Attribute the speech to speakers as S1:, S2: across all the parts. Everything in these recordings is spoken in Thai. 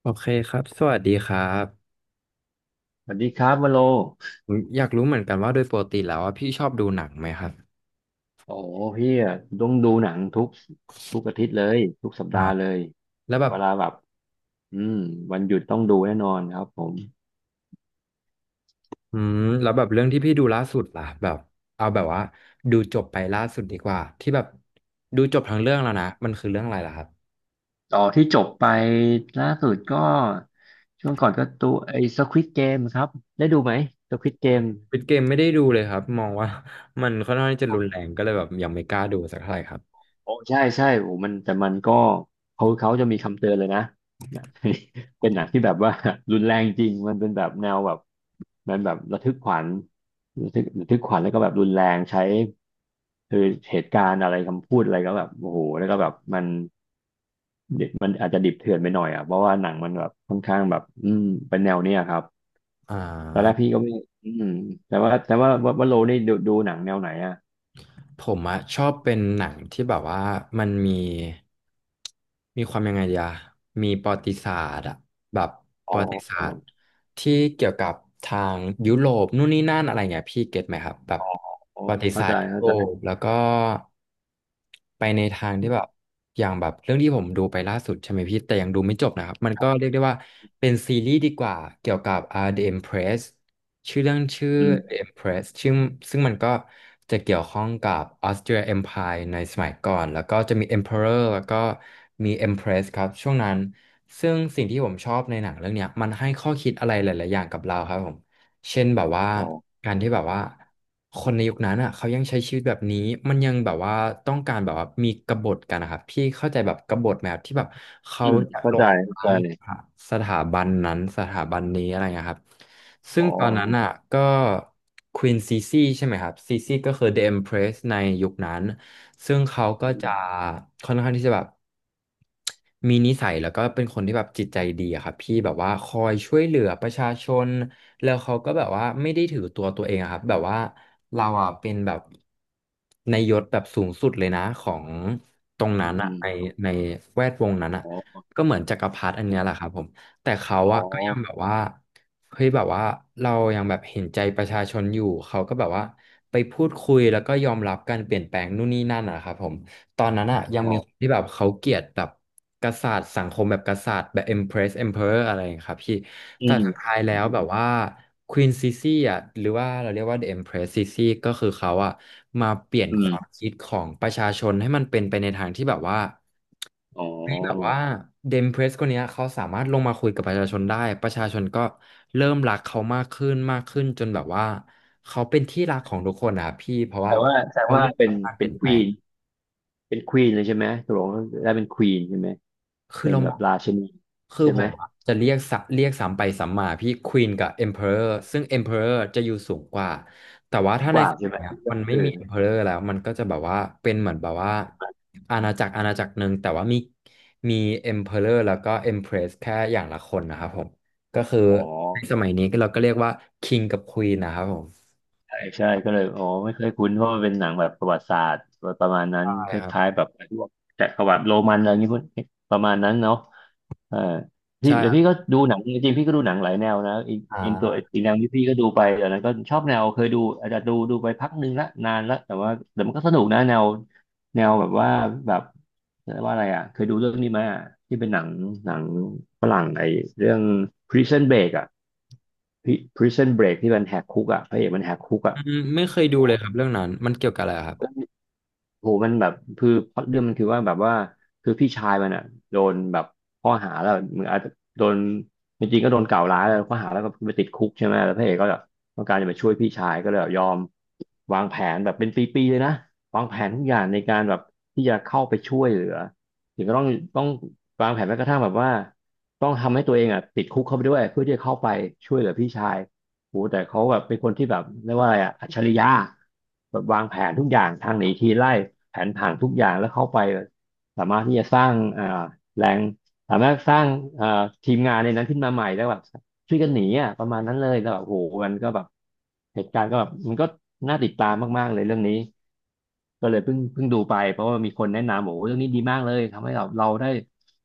S1: โอเคครับ สวัสดีครับ
S2: สวัสดีครับวโล
S1: ผมอยากรู้เหมือนกันว่าโดยปกติแล้วว่าพี่ชอบดูหนังไหมครับ
S2: โอ้โหพี่อะต้องดูหนังทุกอาทิตย์เลยทุกสัป
S1: อ่า
S2: ดาห์เลย
S1: แล้วแบบ
S2: เวลาแบบอืมวันหยุดต้องดูแน่นอนครับผม
S1: อืมแล้วแบบเรื่องที่พี่ดูล่าสุดล่ะแบบเอาแบบว่าดูจบไปล่าสุดดีกว่าที่แบบดูจบทั้งเรื่องแล้วนะมันคือเรื่องอะไรล่ะครับ
S2: ต่อที่จบไปล่าสุดก็ช่วงก่อนก็ตัวไอ้ Squid Game ครับได้ดูไหม Squid Game
S1: ปิดเกมไม่ได้ดูเลยครับมองว่า มันค่อนข้างที่จะรุนแรงก็เลยแบบยังไม่กล้าดูสักเท่าไหร่ครับ
S2: โอ้ใช่ใช่โอ้มันแต่มันก็เขาจะมีคำเตือนเลยนะนะ เป็นหนังที่แบบว่า รุนแรงจริงมันเป็นแบบแนวแบบมันแบบระทึกขวัญระทึกขวัญแล้วก็แบบรุนแรงใช้คือเหตุการณ์อะไรคำพูดอะไรก็แบบโอ้โหแล้วก็แบบมันอาจจะดิบเถื่อนไปหน่อยอ่ะเพราะว่าหนังมันแบบค่อนข้างแบบเป็นแนวเนี้ยครับ
S1: อ่
S2: ตอนแรก
S1: า
S2: พี่ก็ไม่อืมแต่ว่าแต่ว่าโลนี่ดูหนังแนวไหนอ่ะ
S1: ผมอะชอบเป็นหนังที่แบบว่ามันมีความยังไงดีอะมีประวัติศาสตร์อะแบบป
S2: อ๋
S1: ระวัติศาสต
S2: อ
S1: ร์ที่เกี่ยวกับทางยุโรปนู่นนี่นั่นอะไรเงี้ยพี่เก็ตไหมครับแบบ
S2: อ๋อ
S1: ประวัติ
S2: เข้า
S1: ศาส
S2: ใจ
S1: ตร์ยุ
S2: เข้า
S1: โร
S2: ใจ
S1: ปแล้วก็ไปในทางที่แบบอย่างแบบเรื่องที่ผมดูไปล่าสุดใช่ไหมพี่แต่ยังดูไม่จบนะครับมันก็เรียกได้ว่าเป็นซีรีส์ดีกว่าเกี่ยวกับ The Empress ชื่อเรื่องชื่อ
S2: อื
S1: The
S2: ม
S1: Empress ชื่อซึ่งมันก็จะเกี่ยวข้องกับ Austria Empire ในสมัยก่อนแล้วก็จะมี Emperor แล้วก็มี Empress ครับช่วงนั้นซึ่งสิ่งที่ผมชอบในหนังเรื่องเนี้ยมันให้ข้อคิดอะไรหลายๆอย่างกับเราครับผมเช่นแบบว่า
S2: อ๋อ
S1: การที่แบบว่าคนในยุคนั้นอ่ะเขายังใช้ชีวิตแบบนี้มันยังแบบว่าต้องการแบบว่ามีกบฏกันนะครับพี่เข้าใจแบบกบฏไหมครับที่แบบเขา
S2: อืม
S1: จะ
S2: เข้า
S1: ล
S2: ใจ
S1: ง
S2: เข้าใจ
S1: ทั้งสถาบันนั้นสถาบันนี้อะไรเงี้ยครับซึ่
S2: อ๋
S1: ง
S2: อ
S1: ตอนนั้นอ่ะก็ควีนซีซีใช่ไหมครับซีซีก็คือ The Empress ในยุคนั้นซึ่งเขาก็
S2: อื
S1: จะ
S2: ม
S1: ค่อนข้างที่จะแบบมีนิสัยแล้วก็เป็นคนที่แบบจิตใจดีอะครับพี่แบบว่าคอยช่วยเหลือประชาชนแล้วเขาก็แบบว่าไม่ได้ถือตัวตัวเองอะครับแบบว่าเราอ่ะเป็นแบบในยศแบบสูงสุดเลยนะของตรง
S2: อื
S1: นั้นอะใน
S2: ม
S1: ในแวดวงนั้นอะ
S2: อ๋อ
S1: ก็เหมือนจักรพรรดิอันเนี้ยแหละครับผมแต่เขา
S2: อ๋อ
S1: อะก็ยังแบบว่าเฮ้ยแบบว่าเรายังแบบเห็นใจประชาชนอยู่เขาก็แบบว่าไปพูดคุยแล้วก็ยอมรับการเปลี่ยนแปลงนู่นนี่นั่นนะครับผมตอนนั้นอะยัง
S2: อ๋อ
S1: มีคนที่แบบเขาเกลียดแบบกษัตริย์สังคมแบบกษัตริย์แบบ Empress Emperor อะไรอย่างเงี้ยครับพี่
S2: อื
S1: แต่
S2: ม
S1: สุดท้ายแล้
S2: อื
S1: ว
S2: ม
S1: แบบว่า Queen Sisi อ่ะหรือว่าเราเรียกว่า The Empress Sisi ก็คือเขาอ่ะมาเปลี่ยน
S2: อื
S1: ค
S2: ม
S1: วามคิดของประชาชนให้มันเป็นไปในทางที่แบบว่า
S2: อ๋อ
S1: เฮ้ยแบบว่าเดมเพรสคนเนี้ยเขาสามารถลงมาคุยกับประชาชนได้ประชาชนก็เริ่มรักเขามากขึ้นมากขึ้นจนแบบว่าเขาเป็นที่รักของทุกคนนะครับพี่เพราะว่า
S2: แต่ว่าแต่
S1: เขา
S2: ว่า
S1: ยอม
S2: เป็
S1: รั
S2: น
S1: บการเป
S2: เป็
S1: ลี่
S2: น
S1: ยน
S2: ค
S1: แปล
S2: วีนเป็นควีนเลยใช่ไหมตกลงได้เป็นควีนใช่ไหม
S1: คือ
S2: เป็น
S1: เรา
S2: แบ
S1: ม
S2: บ
S1: อง
S2: ราชินี
S1: คือ
S2: ใช่
S1: ผ
S2: ไหม
S1: มอะจะเรียกสัเรียกสามไปสามมาพี่ควีนกับเอ็มเพออร์ซึ่งเอ็มเพออร์จะอยู่สูงกว่าแต่ว่าถ้า
S2: ก
S1: ใน
S2: ว่า
S1: ส
S2: ใช่
S1: มัย
S2: ไหม
S1: เนี้ยมันไม่
S2: เอ
S1: มี
S2: อ
S1: เอ็มเพออร์แล้วมันก็จะแบบว่าเป็นเหมือนแบบว่าอาณาจักรอาณาจักรหนึ่งแต่ว่ามีเอ็มเพออร์แล้วก็เอ็มเพรสแค่อย่างละคนนะครับผมก็คือ
S2: อ๋อ
S1: ในสมัยนี้ก็เราก็เรียกว่าคิงกับควีนนะครับผม
S2: ใช่ใช่ก็เลยอ๋อไม่เคยคุ้นเพราะมันเป็นหนังแบบประวัติศาสตร์ประมาณนั้น
S1: ใช่
S2: ค
S1: ครับ
S2: ล้ายๆแบบพวกจักรวรรดิโรมันอะไรอย่างนี้พวกประมาณนั้นเนาะเออพี่
S1: ใช่ค
S2: เดี๋ยว
S1: รั
S2: พี่
S1: บ
S2: ก็ดูหนังจริงๆพี่ก็ดูหนังหลายแนวนะอีกตัว
S1: อ่า
S2: อีกแนวที่พี่ก็ดูไปแต่นนั้นก็ชอบแนวเคยดูอาจจะดูไปพักหนึ่งละนานละแต่ว่าแต่มันก็สนุกนะแนวแบบว่าแบบเรียกว่าอะไรอ่ะเคยดูเรื่องนี้ไหมอ่ะที่เป็นหนังฝรั่งไอ้เรื่อง Prison Break อ่ะ Prison Break ที่มันแหกคุกอ่ะพระเอกมันแหกคุกอ่ะ
S1: อืมไม่เคยดู
S2: โห
S1: เลยครับเรื่องนั้นมันเกี่ยวกับอะไรครับ
S2: โหมันแบบคือพล็อตเรื่องมันคือว่าแบบว่าคือพี่ชายมันอ่ะโดนแบบข้อหาแล้วเหมือนอาจจะโดนจริงๆก็โดนกล่าวร้ายแล้วข้อหาแล้วก็ไปติดคุกใช่ไหมแล้วพระเอกก็แบบต้องการจะมาช่วยพี่ชายก็เลยแบบยอมวางแผนแบบเป็นปีๆเลยนะวางแผนทุกอย่างในการแบบที่จะเข้าไปช่วยเหลือถึงก็ต้องวางแผนแม้กระทั่งแบบว่าต้องทำให้ตัวเองอ่ะติดคุกเข้าไปด้วยเพื่อที่จะเข้าไปช่วยเหลือพี่ชาย โหแต่เขาแบบเป็นคนที่แบบเรียกว่าอะไรอะอัจฉริยะแบบวางแผนทุกอย่างทางหนีทีไล่แผนผังทุกอย่างแล้วเข้าไปสามารถที่จะสร้างแรงสามารถสร้างอ่าทีมงานในนั้นขึ้นมาใหม่แล้วแบบช่วยกันหนีอ่ะประมาณนั้นเลยแล้วแบบโหมันก็แบบเหตุการณ์ก็แบบมันก็น่าติดตามมากๆเลยเรื่องนี้ก็เลยเพิ่งดูไปเพราะว่ามีคนแนะนำบอกว่าเรื่องนี้ดีมากเลยทำให้เราได้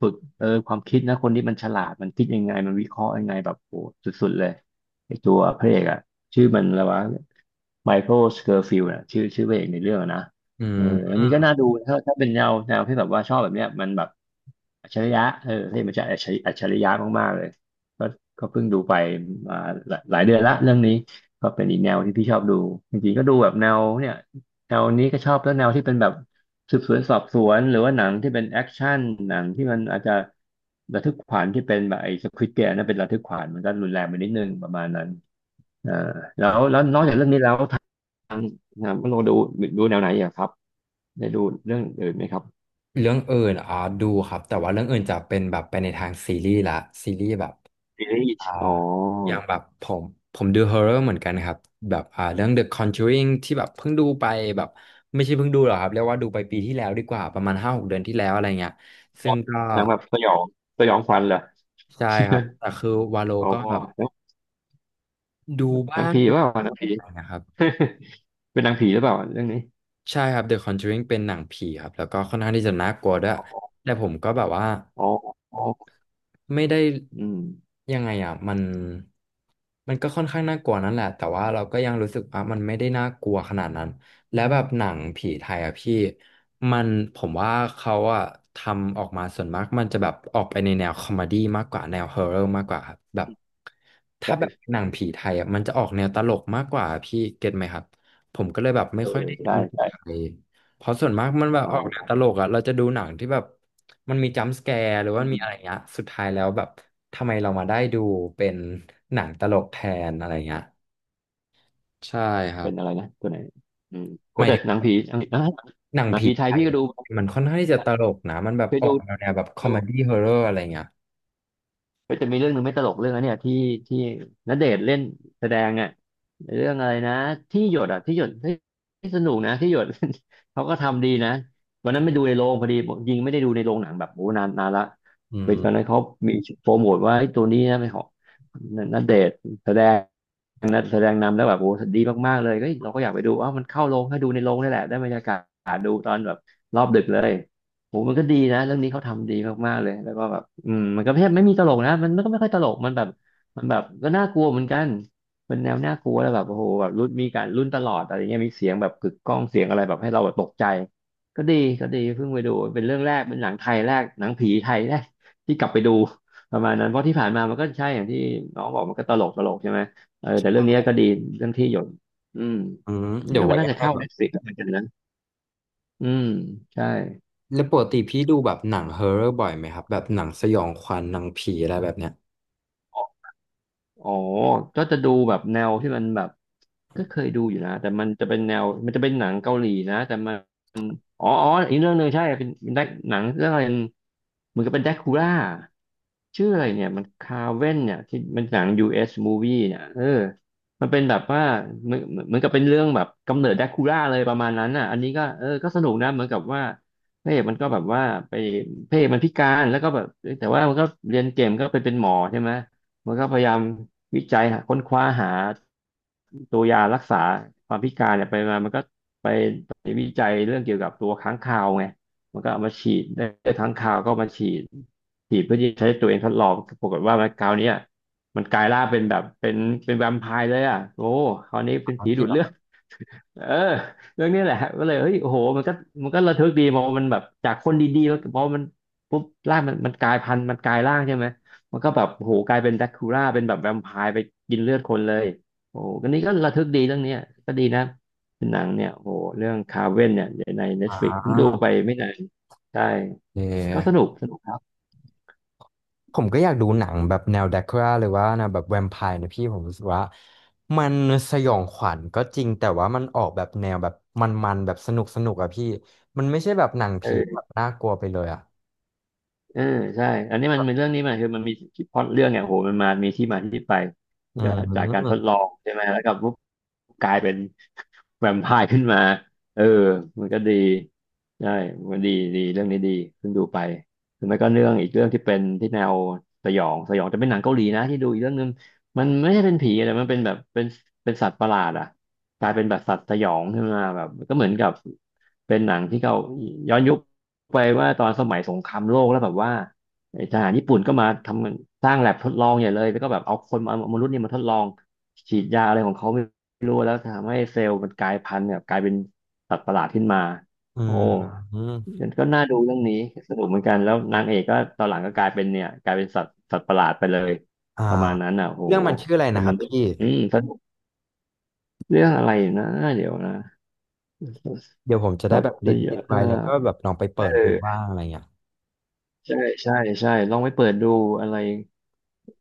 S2: ฝึกเออความคิดนะคนที่มันฉลาดมันคิดยังไงมันวิเคราะห์ยังไงแบบโหสุดๆเลย ไอตัวพระเอกอะชื่อมันอะไรวะไมเคิลสเคอร์ฟิลด์อะชื่อพระเอกในเรื่องอะนะ
S1: อื
S2: เอออันนี้ก็
S1: ม
S2: น่าดูถ้าเป็นแนวที่แบบว่าชอบแบบเนี้ยมันแบบอัจฉริยะเออที่มันจะอัจฉริยะมากๆเลยก็ก็เพิ่งดูไปมาหลายเดือนละเรื่องนี้ก็เป็นอีกแนวที่พี่ชอบดูจริงๆก็ดูแบบแนวเนี่ยแนวนี้ก็ชอบแล้วแนวที่เป็นแบบ สืบสวนสอบสวนหรือว่าหนังที่เป็นแอคชั่นหนังที่มันอาจจะระทึกขวัญที่เป็นแบบไอ้สควิดเกมนั่นเป็นระทึกขวัญมันก็รุนแรงไปนิดนึงประมาณนั้นอ่าแล้วนอกจากเรื่องนี้แล้วงทางคุณโอดูแนวไหนอีกอะครับได้ดูเรื่องอื่นไหมครับ
S1: เรื่องอื่นอ่าดูครับแต่ว่าเรื่องอื่นจะเป็นแบบไปในทางซีรีส์ละซีรีส์แบบ
S2: ซีรี
S1: อ่า
S2: ส์อ๋อ
S1: อย่างแบบผมดูฮอ r ์เรอร์เหมือนกันครับแบบอ่าเรื่อง The Conjuring ที่แบบเพิ่งดูไปแบบไม่ใช่เพิ่งดูหรอกครับเรียกว่าดูไปปีที่แล้วดีกว่าประมาณ5-6 เดือนที่แล้วอะไรเงี้ย
S2: แบ
S1: ซึ่ง
S2: บ
S1: ก็
S2: หนังแบบสยองสยองขวัญเหรอ
S1: ใช่ครับแต่คือวาโล
S2: อ๋อ
S1: ก็แบบ
S2: หนัง
S1: ดู
S2: นั
S1: บ้า
S2: ง
S1: ง
S2: ผี
S1: ดู
S2: ว่าหนังผี
S1: บ้างนะครับ
S2: เป็นหนังผีหรือเปล่าเรื่องนี้
S1: ใช่ครับ The Conjuring เป็นหนังผีครับแล้วก็ค่อนข้างที่จะน่ากลัวด้วย
S2: อ๋อ
S1: แต่ผมก็แบบว่า
S2: อ๋ออ๋อ
S1: ไม่ได้
S2: อืม
S1: ยังไงอ่ะมันก็ค่อนข้างน่ากลัวนั่นแหละแต่ว่าเราก็ยังรู้สึกว่ามันไม่ได้น่ากลัวขนาดนั้นและแบบหนังผีไทยอ่ะพี่มันผมว่าเขาอ่ะทำออกมาส่วนมากมันจะแบบออกไปในแนวคอมเมดี้มากกว่าแนวฮอร์เรอร์มากกว่าครับแบบถ้าแบบ
S2: ใช่
S1: หนังผีไทยอ่ะมันจะออกแนวตลกมากกว่าพี่เก็ตไหมครับผมก็เลยแบบไม่
S2: เอ
S1: ค่อย
S2: อ
S1: ได้ดู
S2: ใช่
S1: หนัง
S2: ใช่
S1: ไทย เพราะส่วนมากมันแบบ
S2: อ๋
S1: ออกแนว
S2: อ
S1: ตลกอ่ะเราจะดูหนังที่แบบมันมีจัมป์สแกร์หรือว่ามีอะไรเงี้ย สุดท้ายแล้วแบบทำไมเรามาได้ดูเป็นหนังตลกแทนอะไรเงี้ยใช่ครั
S2: เป็
S1: บ
S2: นอะไรนะตัวไหนอืมโค
S1: ห
S2: ตร
S1: มาย
S2: แต่
S1: ถึง
S2: หนัง
S1: ว่า
S2: ผีอังกฤษอ่ะ
S1: หนัง
S2: หนัง
S1: ผี
S2: ผีไท
S1: ไท
S2: ย
S1: ย
S2: พี่ก็
S1: อะ
S2: ดู
S1: มันค่อนข้างที่จะตลกนะมันแบบ
S2: เคย
S1: ออ
S2: ดู
S1: กแนวแบบคอม
S2: ดู
S1: เมดี้ฮอร์เรอร์อะไรเงี้ย
S2: ก็จะมีเรื่องหนึ่งไม่ตลกเรื่องอันเนี้ยที่ณเดชน์เล่นแสดงอ่ะเรื่องอะไรนะที่หยดอ่ะที่หยดที่สนุกนะที่หยด เขาก็ทำดีนะวันนั้นไม่ดูในโรงพอดียิงไม่ได้ดูในโรงหนังแบบโอ้นานนานละ
S1: อื
S2: ไปตอนนั้
S1: ม
S2: นเขามีโปรโมทว่าไอ้ตัวนี้นะเป็นของณเดชน์แสดงนะแสดงนำแล้วแบบโอ้ดีมากๆเลยเฮ้ยเราก็อยากไปดูอ้าวมันเข้าโรงให้ดูในโรงนี่แหละได้บรรยากาศดูตอนแบบรอบดึกเลย โหมันก็ดีนะเรื่องนี้เขาทำดีมากๆเลยแล้วก็แบบอืมมันก็แทบไม่มีตลกนะมันก็ไม่ค่อยตลกมันแบบมันแบบก็น่ากลัวเหมือนกันเป็นแนวน่ากลัวแล้วแบบโอ้โหแบบรุ่นมีการรุ่นตลอดอะไรเงี้ยมีเสียงแบบกึกก้องเสียงอะไรแบบให้เราแบบตกใจก็ดีก็ดีเพิ่งไปดูเป็นเรื่องแรกเป็นหนังไทยแรกหนังผีไทยแรกที่กลับไปดูประมาณนั้นเพราะที่ผ่านมามันก็ใช่อย่างที่น้องบอกมันก็ตลกตลกใช่ไหมเออแต่เรื่องนี้ก็ดีเรื่องที่หยดอืม
S1: อืม
S2: คิด
S1: เดี๋ยว
S2: ว่ามั
S1: ไว้
S2: นน่า
S1: ยัง
S2: จะ
S1: ไง
S2: เข้า
S1: แบบ
S2: Netflix เหมือนกันนะอืมใช่
S1: แล้วปกติพี่ดูแบบหนังฮอร์เรอร์บ่อยไหมครับแบบหนังสยองขวัญหนังผีอะไรแบบเนี้ย
S2: อ๋อก็จะดูแบบแนวที่มันแบบก็เคยดูอยู่นะ แต่มันจะเป็นแนวมันจะเป็นหนังเกาหลีนะแต่มันอ๋ออ๋ออีกเรื่องหนึ่งใช่เป็นเป็นหนังเรื่องอะไรเหมือนกับเป็นแดคูล่าชื่ออะไรเนี่ย มันคาเว่นเนี่ยที่มันหนัง US movie เนี่ยเออมันเป็นแบบว่าเหมือนเหมือนกับเป็นเรื่องแบบกำเนิดแดคูล่าเลยประมาณนั้นน่ะอันนี้ก็เออก็สนุกนะ เหมือนกับว่าพระเอกมันก็แบบว่าไปพระเอกมันพิการแล้วก็แบบแต่ว่ามันก็เรียนเก่งก็ไปเป็นหมอใช่ไหมมันก็พยายาม วิจัยหาค้นคว้าหาตัวยารักษาความพิการเนี่ยไปมามันก็ไปไปวิจัยเรื่องเกี่ยวกับตัวค้างคาวไงมันก็เอามาฉีดได้ค้างคาวก็เอามาฉีดฉีดเพื่อที่จะใช้ตัวเองทดลองปรากฏว่ามันคราวเนี้ยมันกลายร่างเป็นแบบเป็นเป็นแวมไพร์เลยอ่ะโอ้คราวนี้
S1: อ๋
S2: เป็น
S1: อ
S2: ผี
S1: จริ
S2: ดู
S1: ง
S2: ด
S1: เหรอ
S2: เลือด เออเรื่องนี้แหละก็เลยเฮ้ยโอ้โหมันก็มันก็ระทึกดีมองมันแบบจากคนดีๆแล้วพอมันปุ๊บร่างมันมันกลายพันธุ์มันกลายร่างใช่ไหม มันก็แบบโหกลายเป็นแดคูล่าเป็นแบบแวมไพร์ไปกินเลือดคนเลยโอ้ก็นี่ก็ระทึกดีเรื่องเนี้ยก็ดีนะเป็นหนังเนี่ยโหเรื่องคาเว่นเนี่ยใน
S1: อ่
S2: Netflix เพิ่งดู
S1: า
S2: ไปไม่นานใช่
S1: โอเ
S2: ก็สนุ
S1: ค
S2: กสนุกครับ
S1: ผมก็อยากดูหนังแบบแนวแดกคราหรือว่าแนวแบบแวมไพร์นะพี่ผมรู้สึกว่ามันสยองขวัญก็จริงแต่ว่ามันออกแบบแนวแบบมันแบบสนุกอะพี่มันไม่ใช่แบบหนังผีแบ
S2: เออ
S1: บน่ากลัวไปเลยอะ
S2: เออใช่ อันนี้มันเป็นเรื่องนี้มันคือมันมีที่พล็อตเรื่องเนี่ยโหมันมามีที่มาที่ไปมั
S1: อื
S2: นก็จากการทด
S1: ม
S2: ลองใช่ไหมแล้วก็ปุ๊บกลายเป็น แวมไพร์ขึ้นมาเออมันก็ดีใช่มันดีดีเรื่องนี้ดีขึ้นดูไปหรือไม่ก็เรื่องอีกเรื่องที่เป็นที่แนวสยองสยองแต่เป็นหนังเกาหลีนะที่ดูอีกเรื่องนึงมันไม่ใช่เป็นผีแต่มันเป็นแบบเป็นเป็นสัตว์ประหลาดอ่ะกลายเป็นแบบสัตว์สยองขึ้นมาแบบก็เหมือนกับเป็นหนังที่เขาย้อนยุค ไปว่าตอนสมัยสงครามโลกแล้วแบบว่าไอ้ทหารญี่ปุ่นก็มาทำสร้างแลบทดลองอย่างเลยแล้วก็แบบเอาคนมามนุษย์เนี่ยมาทดลองฉีดยาอะไรของเขาไม่รู้แล้วทำให้เซลล์มันกลายพันธุ์แบบกลายเป็นสัตว์ประหลาดขึ้นมา
S1: อื
S2: โอ้
S1: มอืม
S2: มันก็น่าดูเรื่องนี้สนุกเหมือนกันแล้วนางเอกก็ตอนหลังก็กลายเป็นเนี่ยกลายเป็นสัตว์สัตว์ประหลาดไปเลย
S1: อ่า
S2: ประมาณนั้นอ่ะโห
S1: เรื่องมันชื่ออะไร
S2: แต่
S1: นะค
S2: มั
S1: รับ
S2: น
S1: พี่
S2: อืมสนุกเรื่องอะไรนะเดี๋ยวนะ
S1: เดี๋ยวผมจะได้
S2: สัต
S1: แบบ
S2: ว์ส
S1: ลิสต์ลิ
S2: ยะ
S1: สต์ไว้แล้วก็แบบลองไป
S2: เ
S1: เปิดดูบ้า
S2: ออ
S1: งอะไรเงี้ย
S2: ใช่ใช่ใช่ลองไปเปิดดูอะไร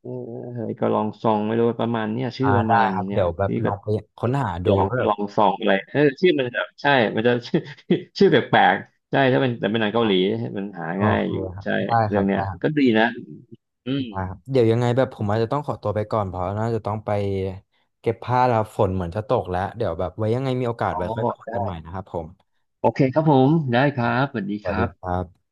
S2: เอออะไรก็ลองซองไม่รู้ประมาณเนี้ยชื่อ
S1: อ่า
S2: ประมา
S1: ได้
S2: ณ
S1: ครับ
S2: เนี่ย
S1: เดี๋ยวแบบ
S2: พี่
S1: ล
S2: ก็
S1: องไปค้นหา
S2: หย
S1: ดู
S2: อง
S1: ว่า
S2: ก็
S1: แบ
S2: ล
S1: บ
S2: องซองอะไรเออชื่อมันจะใช่มันจะ ชื่อ ชื่อแปลกๆใช่ถ้าเป็นแต่เป็นหนังเกาห
S1: อ
S2: ลีมันหา
S1: โอ
S2: ง่าย
S1: เค
S2: อยู่
S1: ครับ
S2: ใช่
S1: ได้ค
S2: เรื่อ
S1: รั
S2: ง
S1: บ
S2: เนี้ย
S1: ได้
S2: ก็ดีนะอืม
S1: ได้ครับเดี๋ยวยังไงแบบผมอาจจะต้องขอตัวไปก่อนเพราะน่าจะต้องไปเก็บผ้าแล้วฝนเหมือนจะตกแล้วเดี๋ยวแบบไว้ยังไงมีโอกาส
S2: อ๋อ
S1: ไว้ค่อยมาคุยกัน
S2: ได้
S1: ใหม่นะครับผม
S2: โอเคครับผมได้ครับสวัสดี
S1: ส
S2: ค
S1: วัส
S2: รั
S1: ดี
S2: บ
S1: ครับ